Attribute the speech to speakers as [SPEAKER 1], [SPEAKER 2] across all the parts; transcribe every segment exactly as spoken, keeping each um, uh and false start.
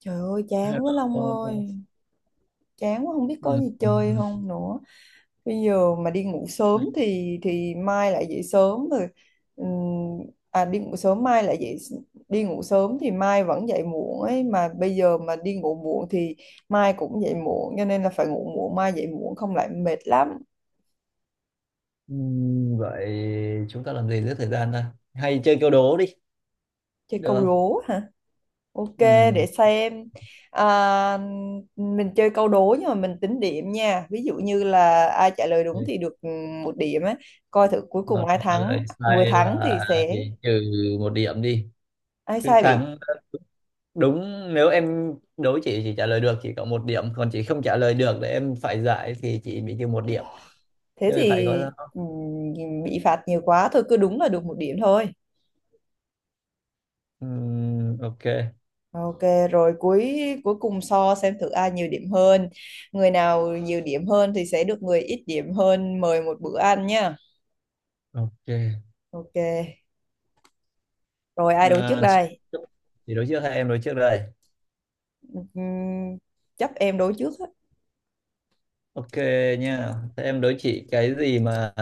[SPEAKER 1] Trời ơi chán quá
[SPEAKER 2] Hello.
[SPEAKER 1] Long ơi. Chán quá không biết có
[SPEAKER 2] Ừ,
[SPEAKER 1] gì
[SPEAKER 2] ừ,
[SPEAKER 1] chơi không nữa. Bây giờ mà đi ngủ
[SPEAKER 2] ừ.
[SPEAKER 1] sớm thì thì mai lại dậy sớm rồi. Ừm, À, đi ngủ sớm mai lại dậy s- đi ngủ sớm thì mai vẫn dậy muộn ấy. Mà bây giờ mà đi ngủ muộn thì mai cũng dậy muộn. Cho nên là phải ngủ muộn mai dậy muộn không lại mệt lắm.
[SPEAKER 2] Ừ, Vậy chúng ta làm gì giữa thời gian ta? Hay chơi câu đố đi,
[SPEAKER 1] Chơi
[SPEAKER 2] được
[SPEAKER 1] câu
[SPEAKER 2] không?
[SPEAKER 1] đố hả? Ok, để
[SPEAKER 2] Ừ.
[SPEAKER 1] xem. à, mình chơi câu đố nhưng mà mình tính điểm nha, ví dụ như là ai trả lời đúng
[SPEAKER 2] Ok.
[SPEAKER 1] thì được, ừ, một điểm ấy, coi thử cuối cùng
[SPEAKER 2] Và
[SPEAKER 1] ai
[SPEAKER 2] trả lời
[SPEAKER 1] thắng, người
[SPEAKER 2] sai
[SPEAKER 1] thắng
[SPEAKER 2] là
[SPEAKER 1] thì sẽ...
[SPEAKER 2] bị trừ một điểm đi.
[SPEAKER 1] ai
[SPEAKER 2] Cứ
[SPEAKER 1] sai bị...
[SPEAKER 2] thắng đúng, nếu em đố chị chỉ trả lời được chỉ có một điểm, còn chị không trả lời được để em phải giải thì chị bị trừ một điểm.
[SPEAKER 1] thế
[SPEAKER 2] Chơi phải
[SPEAKER 1] thì
[SPEAKER 2] có
[SPEAKER 1] ừ, bị phạt nhiều quá, thôi cứ đúng là được một điểm thôi.
[SPEAKER 2] ừ, ok.
[SPEAKER 1] Ok, rồi cuối cuối cùng so xem thử ai nhiều điểm hơn, người nào nhiều điểm hơn thì sẽ được người ít điểm hơn mời một bữa ăn nha.
[SPEAKER 2] Ok.
[SPEAKER 1] Ok, rồi ai đấu trước
[SPEAKER 2] À, chị,
[SPEAKER 1] đây?
[SPEAKER 2] chị đối trước hay em đối trước đây?
[SPEAKER 1] Ừm, Chấp em đấu trước á.
[SPEAKER 2] Ok nha. Thế em đối chị, cái gì mà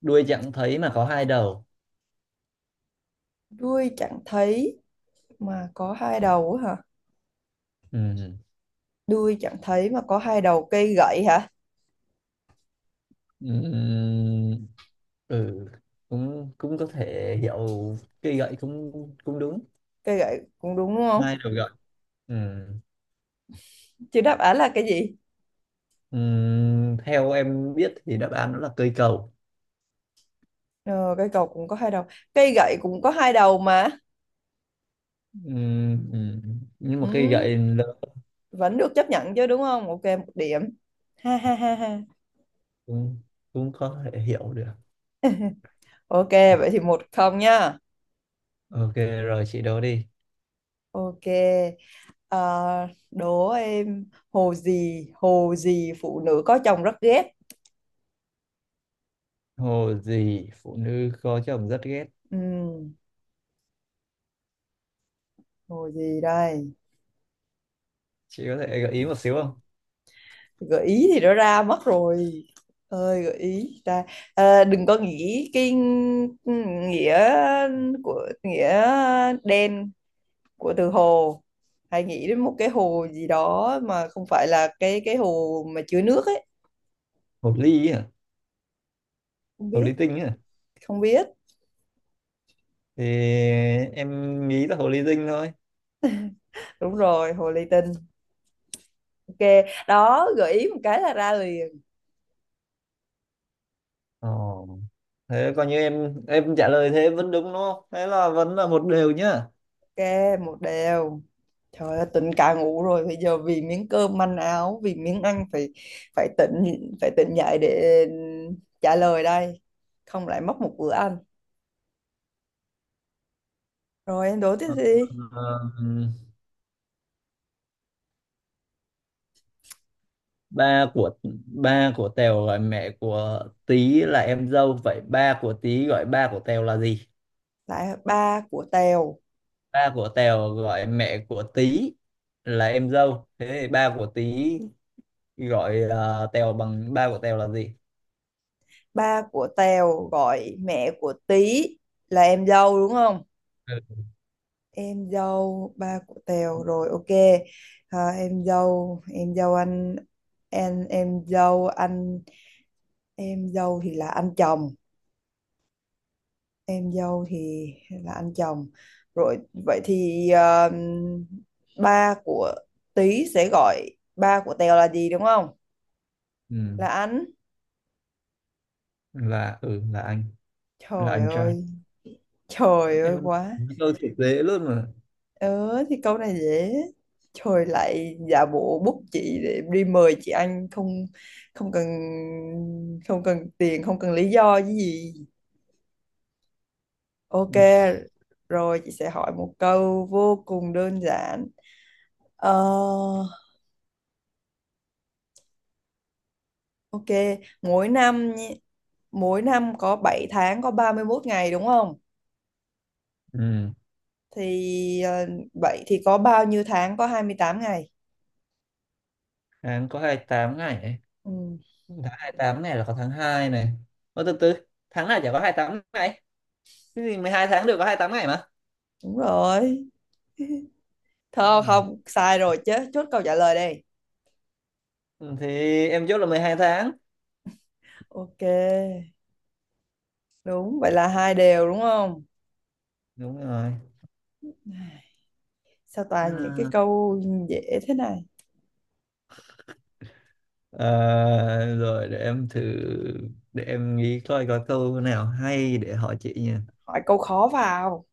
[SPEAKER 2] đuôi chẳng thấy mà có hai đầu?
[SPEAKER 1] Đuôi chẳng thấy mà có hai đầu á hả?
[SPEAKER 2] Ừ.
[SPEAKER 1] Đuôi chẳng thấy mà có hai đầu, cây gậy hả?
[SPEAKER 2] Ừ. ừ. ừ. Ừ, cũng cũng có thể hiểu, cây gậy cũng cũng đúng,
[SPEAKER 1] Cây gậy cũng đúng đúng không?
[SPEAKER 2] hai đầu gậy. Ừ.
[SPEAKER 1] Chứ đáp án là cái gì?
[SPEAKER 2] Ừ. Theo em biết thì đáp án đó là cây cầu.
[SPEAKER 1] Ờ, cây cầu cũng có hai đầu. Cây gậy cũng có hai đầu mà.
[SPEAKER 2] Ừ. Ừ. Nhưng mà cây
[SPEAKER 1] Ừ,
[SPEAKER 2] gậy lớn
[SPEAKER 1] vẫn được chấp nhận chứ đúng không? Ok, một điểm. Ha ha ha ha.
[SPEAKER 2] cũng cũng có thể hiểu được.
[SPEAKER 1] Ok, vậy thì một không nhá.
[SPEAKER 2] Ok, rồi chị đố đi.
[SPEAKER 1] Ok. Ờ, Đố em, hồ gì, hồ gì phụ nữ có chồng rất ghét.
[SPEAKER 2] Hồ gì phụ nữ có chồng rất ghét?
[SPEAKER 1] Ừ, hồ gì đây?
[SPEAKER 2] Chị có thể gợi ý một xíu không?
[SPEAKER 1] Gợi ý thì đã ra mất rồi. Ơi gợi ý ta, à, đừng có nghĩ cái nghĩa của nghĩa đen của từ hồ, hay nghĩ đến một cái hồ gì đó mà không phải là cái cái hồ mà chứa nước ấy.
[SPEAKER 2] Hồ ly à?
[SPEAKER 1] Không
[SPEAKER 2] Hồ
[SPEAKER 1] biết.
[SPEAKER 2] ly tinh à?
[SPEAKER 1] Không biết.
[SPEAKER 2] Thì em nghĩ là hồ ly tinh thôi.
[SPEAKER 1] Đúng rồi, hồ ly tinh. Ok, đó, gợi ý một cái là ra liền.
[SPEAKER 2] Ồ. Thế coi như em em trả lời thế vẫn đúng đúng không, thế là vẫn là một đều nhá.
[SPEAKER 1] Ok, một đều. Trời ơi, tỉnh cả ngủ rồi. Bây giờ vì miếng cơm manh áo, vì miếng ăn phải phải tỉnh phải tỉnh dậy để trả lời đây. Không lại mất một bữa ăn. Rồi em đố tiếp
[SPEAKER 2] Ờ,
[SPEAKER 1] đi.
[SPEAKER 2] ba của ba của Tèo gọi mẹ của Tí là em dâu, vậy ba của Tí gọi ba của Tèo là gì?
[SPEAKER 1] Lại ba của Tèo.
[SPEAKER 2] Ba của Tèo gọi mẹ của Tí là em dâu, thế thì ba của Tí gọi uh, Tèo, bằng ba của Tèo là gì?
[SPEAKER 1] Ba của Tèo gọi mẹ của Tí là em dâu đúng không?
[SPEAKER 2] Ừ.
[SPEAKER 1] Em dâu ba của Tèo, rồi ok. À, em dâu em dâu anh em em dâu anh em dâu thì là anh chồng, em dâu thì là anh chồng, rồi vậy thì ờ, ba của Tý sẽ gọi ba của Tèo là gì đúng không?
[SPEAKER 2] Ừ,
[SPEAKER 1] Là anh.
[SPEAKER 2] là ừ là anh, là
[SPEAKER 1] Trời
[SPEAKER 2] anh trai
[SPEAKER 1] ơi. Trời ơi
[SPEAKER 2] em.
[SPEAKER 1] quá.
[SPEAKER 2] Câu thì dễ luôn mà.
[SPEAKER 1] Ờ thì câu này dễ. Trời lại giả bộ, bút chị để em đi mời chị anh không, không cần, không cần tiền không cần lý do cái gì. Ok,
[SPEAKER 2] Ừ.
[SPEAKER 1] rồi chị sẽ hỏi một câu vô cùng đơn giản. Ờ, Ok, mỗi năm mỗi năm có bảy tháng có ba mươi mốt ngày đúng không?
[SPEAKER 2] Ừ.
[SPEAKER 1] Thì ờ, vậy thì có bao nhiêu tháng có hai mươi tám ngày?
[SPEAKER 2] Tháng có hai mươi tám ngày ấy.
[SPEAKER 1] Ừ,
[SPEAKER 2] Tháng hai mươi tám này là có tháng hai này. Ô, từ từ, tháng nào chả có hai mươi tám ngày, cái gì mười hai tháng đều có hai mươi tám ngày mà.
[SPEAKER 1] đúng rồi.
[SPEAKER 2] Đúng
[SPEAKER 1] Thôi
[SPEAKER 2] rồi.
[SPEAKER 1] không, sai rồi chứ, chốt câu trả lời đây.
[SPEAKER 2] Ừ, thì em chốt là mười hai tháng.
[SPEAKER 1] Ok, đúng, vậy là hai đều đúng không?
[SPEAKER 2] Đúng rồi.
[SPEAKER 1] Ai, sao toàn những cái
[SPEAKER 2] À,
[SPEAKER 1] câu dễ thế này?
[SPEAKER 2] ờ, rồi để em thử, để em nghĩ coi có câu nào hay để hỏi chị nha.
[SPEAKER 1] Hỏi câu khó vào.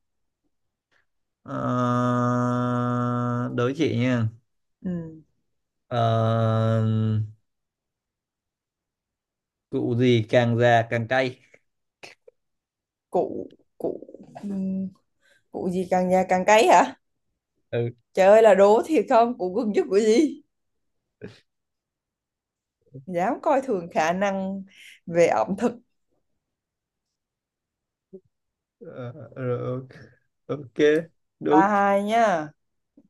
[SPEAKER 2] Ờ, đối chị nha.
[SPEAKER 1] Ừ,
[SPEAKER 2] Ờ, cụ gì càng già càng cay?
[SPEAKER 1] cụ cụ ừ, cụ gì càng già càng cấy hả?
[SPEAKER 2] Ừ.
[SPEAKER 1] Trời ơi, là đố thiệt không? Cụ gừng chứ cụ gì? Dám coi thường khả năng về ẩm thực.
[SPEAKER 2] Ờ, rồi, ok. Ok,
[SPEAKER 1] Ba
[SPEAKER 2] đúng.
[SPEAKER 1] hai nha,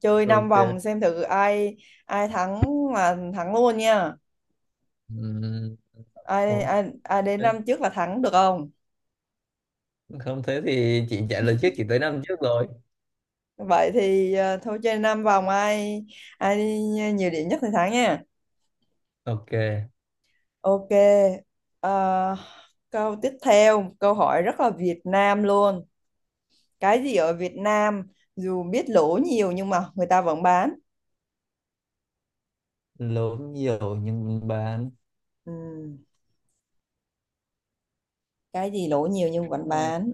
[SPEAKER 1] chơi năm
[SPEAKER 2] Ok.
[SPEAKER 1] vòng xem thử ai ai thắng là thắng luôn nha.
[SPEAKER 2] Ừm,
[SPEAKER 1] Ai
[SPEAKER 2] ok.
[SPEAKER 1] ai, Ai đến năm trước là thắng được không?
[SPEAKER 2] Không, thế thì chị trả lời trước, chị tới năm trước rồi.
[SPEAKER 1] Vậy thì ờ, thôi chơi năm vòng, ai ai đi nhiều điểm nhất thì thắng nha.
[SPEAKER 2] Ok.
[SPEAKER 1] Ok. ờ, Câu tiếp theo, câu hỏi rất là Việt Nam luôn. Cái gì ở Việt Nam dù biết lỗ nhiều nhưng mà người ta vẫn bán?
[SPEAKER 2] Lố nhiều nhưng mình bán?
[SPEAKER 1] Ừm, cái gì lỗ nhiều nhưng vẫn
[SPEAKER 2] Ờ,
[SPEAKER 1] bán?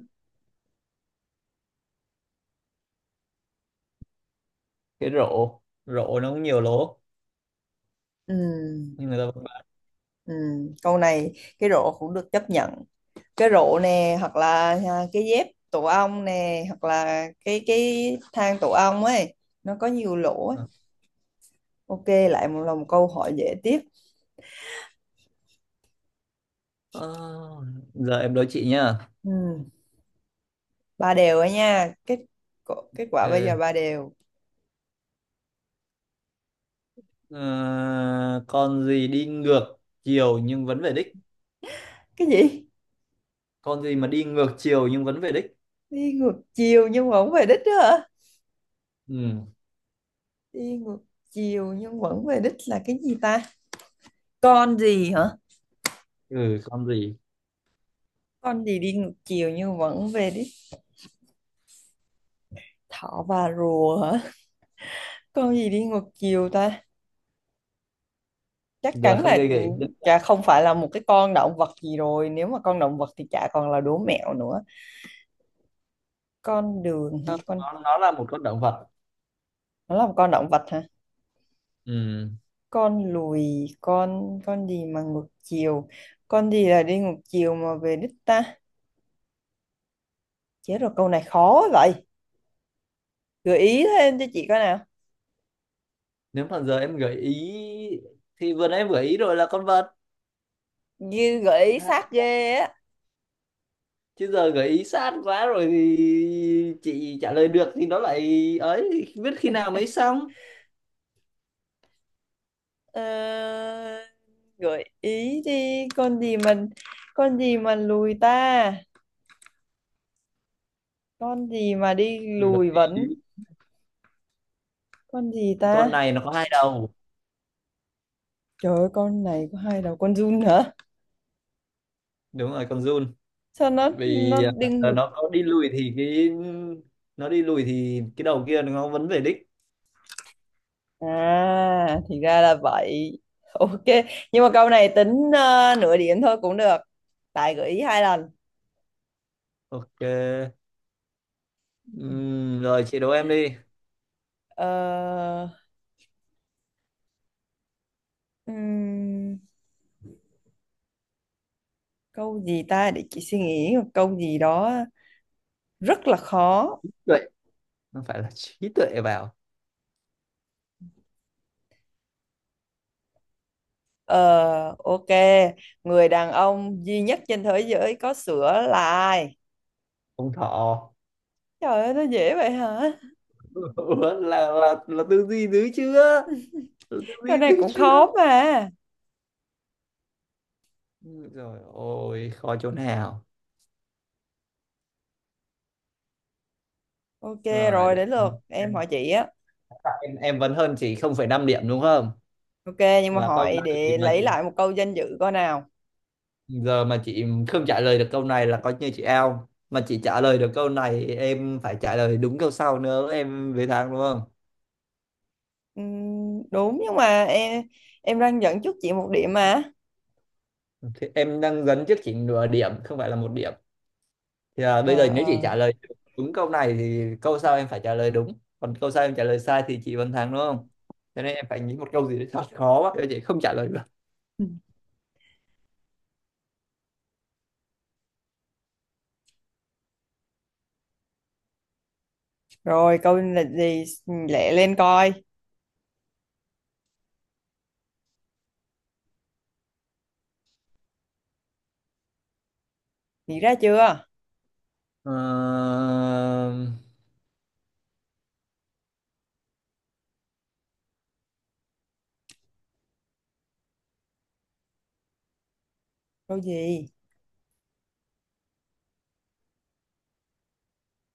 [SPEAKER 2] cái rổ, rổ nó cũng nhiều lố
[SPEAKER 1] Ừm.
[SPEAKER 2] nhưng người ta vẫn bán.
[SPEAKER 1] Ừ, câu này cái rổ cũng được chấp nhận. Cái rổ nè, hoặc là à, cái dép tổ ong nè, hoặc là cái cái thang tổ ong ấy, nó có nhiều lỗ ấy. Ok, lại một là một câu hỏi dễ tiếp.
[SPEAKER 2] Ờ, giờ em đố chị nhá.
[SPEAKER 1] Ừ, ba đều ấy nha, kết co- kết quả bây giờ
[SPEAKER 2] Ok.
[SPEAKER 1] ba đều.
[SPEAKER 2] Ờ, con gì đi ngược chiều nhưng vẫn về đích?
[SPEAKER 1] Cái gì
[SPEAKER 2] Con gì mà đi ngược chiều nhưng vẫn về đích?
[SPEAKER 1] đi ngược chiều nhưng vẫn về đích đó hả?
[SPEAKER 2] Ừ.
[SPEAKER 1] Đi ngược chiều nhưng vẫn về đích là cái gì ta, con gì hả?
[SPEAKER 2] Ừ, con gì.
[SPEAKER 1] Con gì đi ngược chiều nhưng vẫn về đích? Thỏ và rùa hả? Con gì đi ngược chiều ta? Chắc
[SPEAKER 2] Giờ
[SPEAKER 1] chắn
[SPEAKER 2] không
[SPEAKER 1] là
[SPEAKER 2] chơi gợi ý nữa.
[SPEAKER 1] chả không phải là một cái con động vật gì rồi, nếu mà con động vật thì chả còn là đố mẹo nữa. Con đường hả?
[SPEAKER 2] Không,
[SPEAKER 1] Con,
[SPEAKER 2] nó nó là một con động vật.
[SPEAKER 1] nó là một con động vật hả?
[SPEAKER 2] Ừ.
[SPEAKER 1] Con lùi, con con gì mà ngược chiều, con gì là đi ngược chiều mà về đích ta? Chết rồi, câu này khó vậy. Gợi ý thêm cho chị coi nào.
[SPEAKER 2] Nếu mà giờ em gợi ý thì vừa nãy em gợi ý rồi, là con vật,
[SPEAKER 1] Như gợi ý
[SPEAKER 2] là con.
[SPEAKER 1] sát ghê á.
[SPEAKER 2] Chứ giờ gợi ý sát quá rồi thì chị trả lời được thì nó lại ấy, biết khi nào mới xong.
[SPEAKER 1] Ờ, gợi ý đi, con gì mình, con gì mà lùi ta, con gì mà đi
[SPEAKER 2] Gợi
[SPEAKER 1] lùi
[SPEAKER 2] ý
[SPEAKER 1] vẫn... con gì ta?
[SPEAKER 2] con này nó có hai đầu.
[SPEAKER 1] Trời ơi, con này có hai đầu, con giun hả?
[SPEAKER 2] Đúng rồi, con giun.
[SPEAKER 1] Sao nó
[SPEAKER 2] Vì
[SPEAKER 1] nó đinh
[SPEAKER 2] ờ,
[SPEAKER 1] ngực?
[SPEAKER 2] nó có đi lùi thì cái nó đi lùi thì cái đầu kia nó vẫn về đích.
[SPEAKER 1] À thì ra là vậy. Ok, nhưng mà câu này tính ờ, nửa điểm thôi cũng được. Tài gợi ý hai lần.
[SPEAKER 2] Ok. Ừm, rồi chị đố em đi.
[SPEAKER 1] Ờ, ừm, câu gì ta, để chị suy nghĩ một câu gì đó rất là khó.
[SPEAKER 2] Tuệ. Không phải là trí tuệ vào.
[SPEAKER 1] Ờ, ok, người đàn ông duy nhất trên thế giới có sữa là ai?
[SPEAKER 2] Ông thọ.
[SPEAKER 1] Trời ơi, nó dễ vậy hả?
[SPEAKER 2] Ủa, là, là là tư duy dữ chưa, là tư
[SPEAKER 1] Câu
[SPEAKER 2] duy
[SPEAKER 1] này
[SPEAKER 2] dữ
[SPEAKER 1] cũng
[SPEAKER 2] chưa.
[SPEAKER 1] khó mà.
[SPEAKER 2] Rồi ôi khó chỗ nào?
[SPEAKER 1] Ok,
[SPEAKER 2] Rồi
[SPEAKER 1] rồi
[SPEAKER 2] để
[SPEAKER 1] đến lượt
[SPEAKER 2] em
[SPEAKER 1] em
[SPEAKER 2] em
[SPEAKER 1] hỏi chị á.
[SPEAKER 2] em em vẫn hơn chị không phẩy năm điểm đúng không?
[SPEAKER 1] Ok, nhưng mà
[SPEAKER 2] Và câu
[SPEAKER 1] hỏi
[SPEAKER 2] này thì
[SPEAKER 1] để
[SPEAKER 2] mà
[SPEAKER 1] lấy
[SPEAKER 2] chị,
[SPEAKER 1] lại một câu danh dự coi nào.
[SPEAKER 2] giờ mà chị không trả lời được câu này là coi như chị out, mà chị trả lời được câu này em phải trả lời đúng câu sau nữa em về thắng đúng không.
[SPEAKER 1] Ừm, đúng, nhưng mà em em đang dẫn trước chị một điểm mà.
[SPEAKER 2] Thì em đang dẫn trước chị nửa điểm không phải là một điểm. Thì à, bây
[SPEAKER 1] Ờ,
[SPEAKER 2] giờ nếu chị
[SPEAKER 1] ờ.
[SPEAKER 2] trả lời đúng câu này thì câu sau em phải trả lời đúng, còn câu sau em trả lời sai thì chị vẫn thắng đúng không. Cho nên em phải nghĩ một câu gì đó thật khó quá để chị không trả lời được.
[SPEAKER 1] Ừ. Rồi câu là gì? Lẹ lên coi. Nghĩ ra chưa? Câu gì?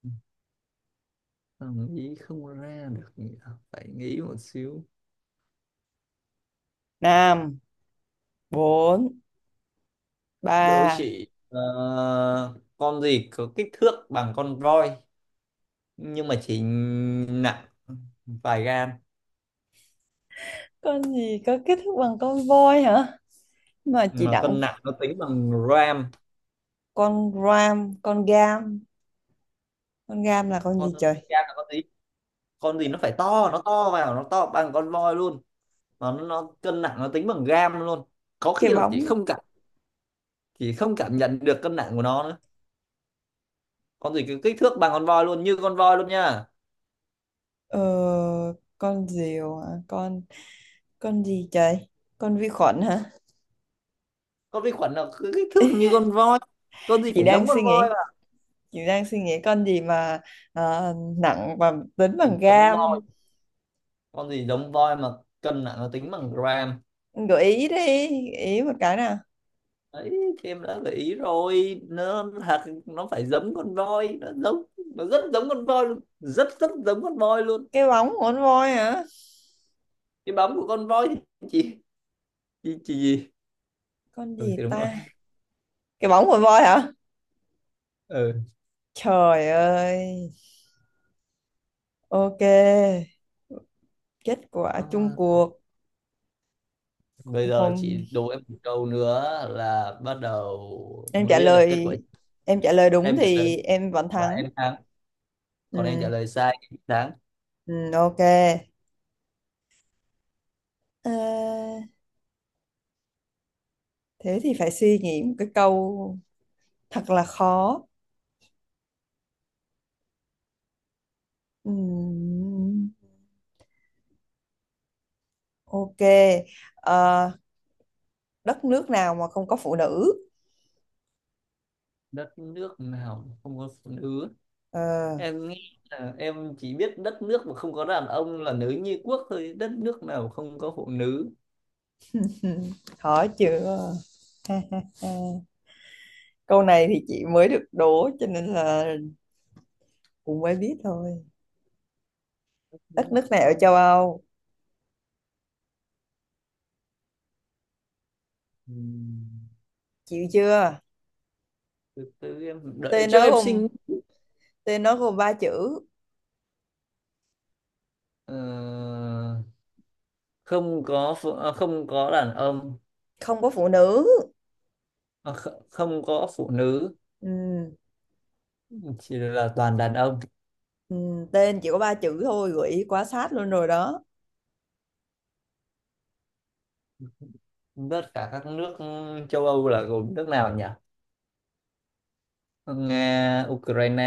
[SPEAKER 2] Ờ, sao nghĩ không ra được nhỉ? Phải nghĩ một xíu.
[SPEAKER 1] Năm, bốn,
[SPEAKER 2] Đố
[SPEAKER 1] ba.
[SPEAKER 2] chị ờ, con gì có kích thước bằng con voi nhưng mà chỉ nặng vài gram,
[SPEAKER 1] Con gì có kết thúc bằng con voi hả? Mà chị
[SPEAKER 2] mà
[SPEAKER 1] đặng
[SPEAKER 2] cân nặng nó tính bằng gram.
[SPEAKER 1] con ram, con gam. Con gam là con
[SPEAKER 2] Con
[SPEAKER 1] gì
[SPEAKER 2] gram
[SPEAKER 1] trời?
[SPEAKER 2] là con gì? Con gì nó phải to, nó to vào, nó to bằng con voi luôn. Mà nó, nó cân nặng nó tính bằng gram luôn. Có khi
[SPEAKER 1] Cái
[SPEAKER 2] là chị
[SPEAKER 1] bóng.
[SPEAKER 2] không cảm, chị không cảm nhận được cân nặng của nó nữa. Con gì cứ kích thước bằng con voi luôn, như con voi luôn nha.
[SPEAKER 1] Ờ, con diều hả? Con con gì trời? Con vi khuẩn hả?
[SPEAKER 2] Con vi khuẩn là cứ kích thước như con voi? Con gì
[SPEAKER 1] Chị
[SPEAKER 2] phải
[SPEAKER 1] đang
[SPEAKER 2] giống
[SPEAKER 1] suy
[SPEAKER 2] con voi,
[SPEAKER 1] nghĩ, chị đang suy nghĩ con gì mà ờ, nặng và tính bằng
[SPEAKER 2] gì giống voi,
[SPEAKER 1] gam.
[SPEAKER 2] con gì giống voi mà cân nặng nó tính bằng gram?
[SPEAKER 1] Gợi ý đi, gợi ý một cái nào.
[SPEAKER 2] Ấy thì em đã gợi ý rồi, nó thật nó phải giống con voi, nó giống, nó rất giống con voi luôn, rất rất giống con voi luôn.
[SPEAKER 1] Cái bóng của con voi hả?
[SPEAKER 2] Cái bóng của con voi. Thì chị chị chỉ gì?
[SPEAKER 1] Con
[SPEAKER 2] Ừ,
[SPEAKER 1] gì
[SPEAKER 2] thì đúng rồi.
[SPEAKER 1] ta? Cái bóng của voi hả?
[SPEAKER 2] Ừ.
[SPEAKER 1] Trời ơi. Ok, kết quả chung
[SPEAKER 2] Ờ,
[SPEAKER 1] cuộc.
[SPEAKER 2] bây giờ
[SPEAKER 1] Không,
[SPEAKER 2] chị đố em một câu nữa là bắt đầu
[SPEAKER 1] em
[SPEAKER 2] mới
[SPEAKER 1] trả
[SPEAKER 2] biết được kết quả.
[SPEAKER 1] lời em trả lời đúng
[SPEAKER 2] Em trả lời
[SPEAKER 1] thì em vẫn
[SPEAKER 2] và
[SPEAKER 1] thắng.
[SPEAKER 2] em thắng, còn em trả
[SPEAKER 1] Ừ,
[SPEAKER 2] lời sai em thắng.
[SPEAKER 1] ừ, ok. Ờ, Thế thì phải suy nghĩ một cái câu thật là khó. Ừm, ok. Ờ, Đất nước nào mà không có phụ nữ?
[SPEAKER 2] Đất nước nào không có phụ nữ?
[SPEAKER 1] Ờ,
[SPEAKER 2] Em nghĩ là em chỉ biết đất nước mà không có đàn ông là nữ nhi quốc thôi, đất nước nào không có phụ nữ?
[SPEAKER 1] khó chưa? Câu này thì chị mới được đố cho nên là cũng mới biết thôi. Đất nước nào ở
[SPEAKER 2] Không.
[SPEAKER 1] châu Âu?
[SPEAKER 2] Ừm,
[SPEAKER 1] Chịu chưa?
[SPEAKER 2] từ từ em đợi
[SPEAKER 1] Tên
[SPEAKER 2] cho
[SPEAKER 1] nó
[SPEAKER 2] em
[SPEAKER 1] gồm
[SPEAKER 2] sinh.
[SPEAKER 1] Tên nó gồm ba chữ,
[SPEAKER 2] Ờ, không có phụ, à, không có đàn ông.
[SPEAKER 1] không có phụ nữ.
[SPEAKER 2] À, kh- không có phụ nữ,
[SPEAKER 1] Ừm,
[SPEAKER 2] chỉ là toàn đàn ông.
[SPEAKER 1] ừm, tên chỉ có ba chữ thôi, gợi ý quá sát luôn rồi đó.
[SPEAKER 2] Tất cả các nước châu Âu là gồm nước nào nhỉ? Nga, Ukraine,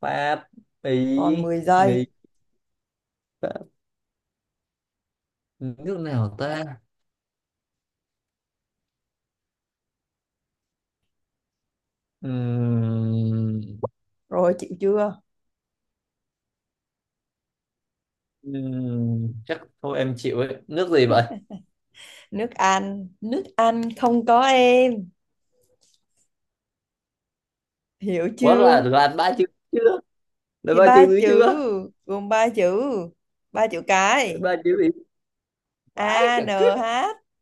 [SPEAKER 2] Pháp, Ý,
[SPEAKER 1] Còn mười
[SPEAKER 2] Mỹ,
[SPEAKER 1] giây.
[SPEAKER 2] Pháp, nước nào ta. Ừm.
[SPEAKER 1] Rồi chịu chưa?
[SPEAKER 2] Ừm, chắc thôi em chịu ấy, nước gì vậy?
[SPEAKER 1] Nước Anh, nước Anh không, có em hiểu
[SPEAKER 2] Quá là
[SPEAKER 1] chưa?
[SPEAKER 2] đoàn ba chữ chưa, là
[SPEAKER 1] Thì
[SPEAKER 2] ba chữ
[SPEAKER 1] ba
[SPEAKER 2] dưới
[SPEAKER 1] chữ,
[SPEAKER 2] chưa?
[SPEAKER 1] gồm ba chữ, ba chữ cái.
[SPEAKER 2] Ba chữ gì? Vãi
[SPEAKER 1] A
[SPEAKER 2] chả
[SPEAKER 1] N
[SPEAKER 2] cứt.
[SPEAKER 1] H,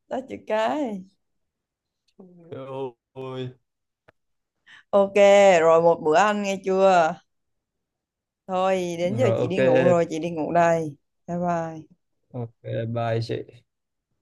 [SPEAKER 1] đó, chữ cái.
[SPEAKER 2] Rồi.
[SPEAKER 1] Ok, rồi một bữa ăn nghe chưa. Thôi đến giờ
[SPEAKER 2] Rồi
[SPEAKER 1] chị
[SPEAKER 2] ok.
[SPEAKER 1] đi ngủ rồi, chị đi ngủ đây. Bye bye.
[SPEAKER 2] Ok, bye chị.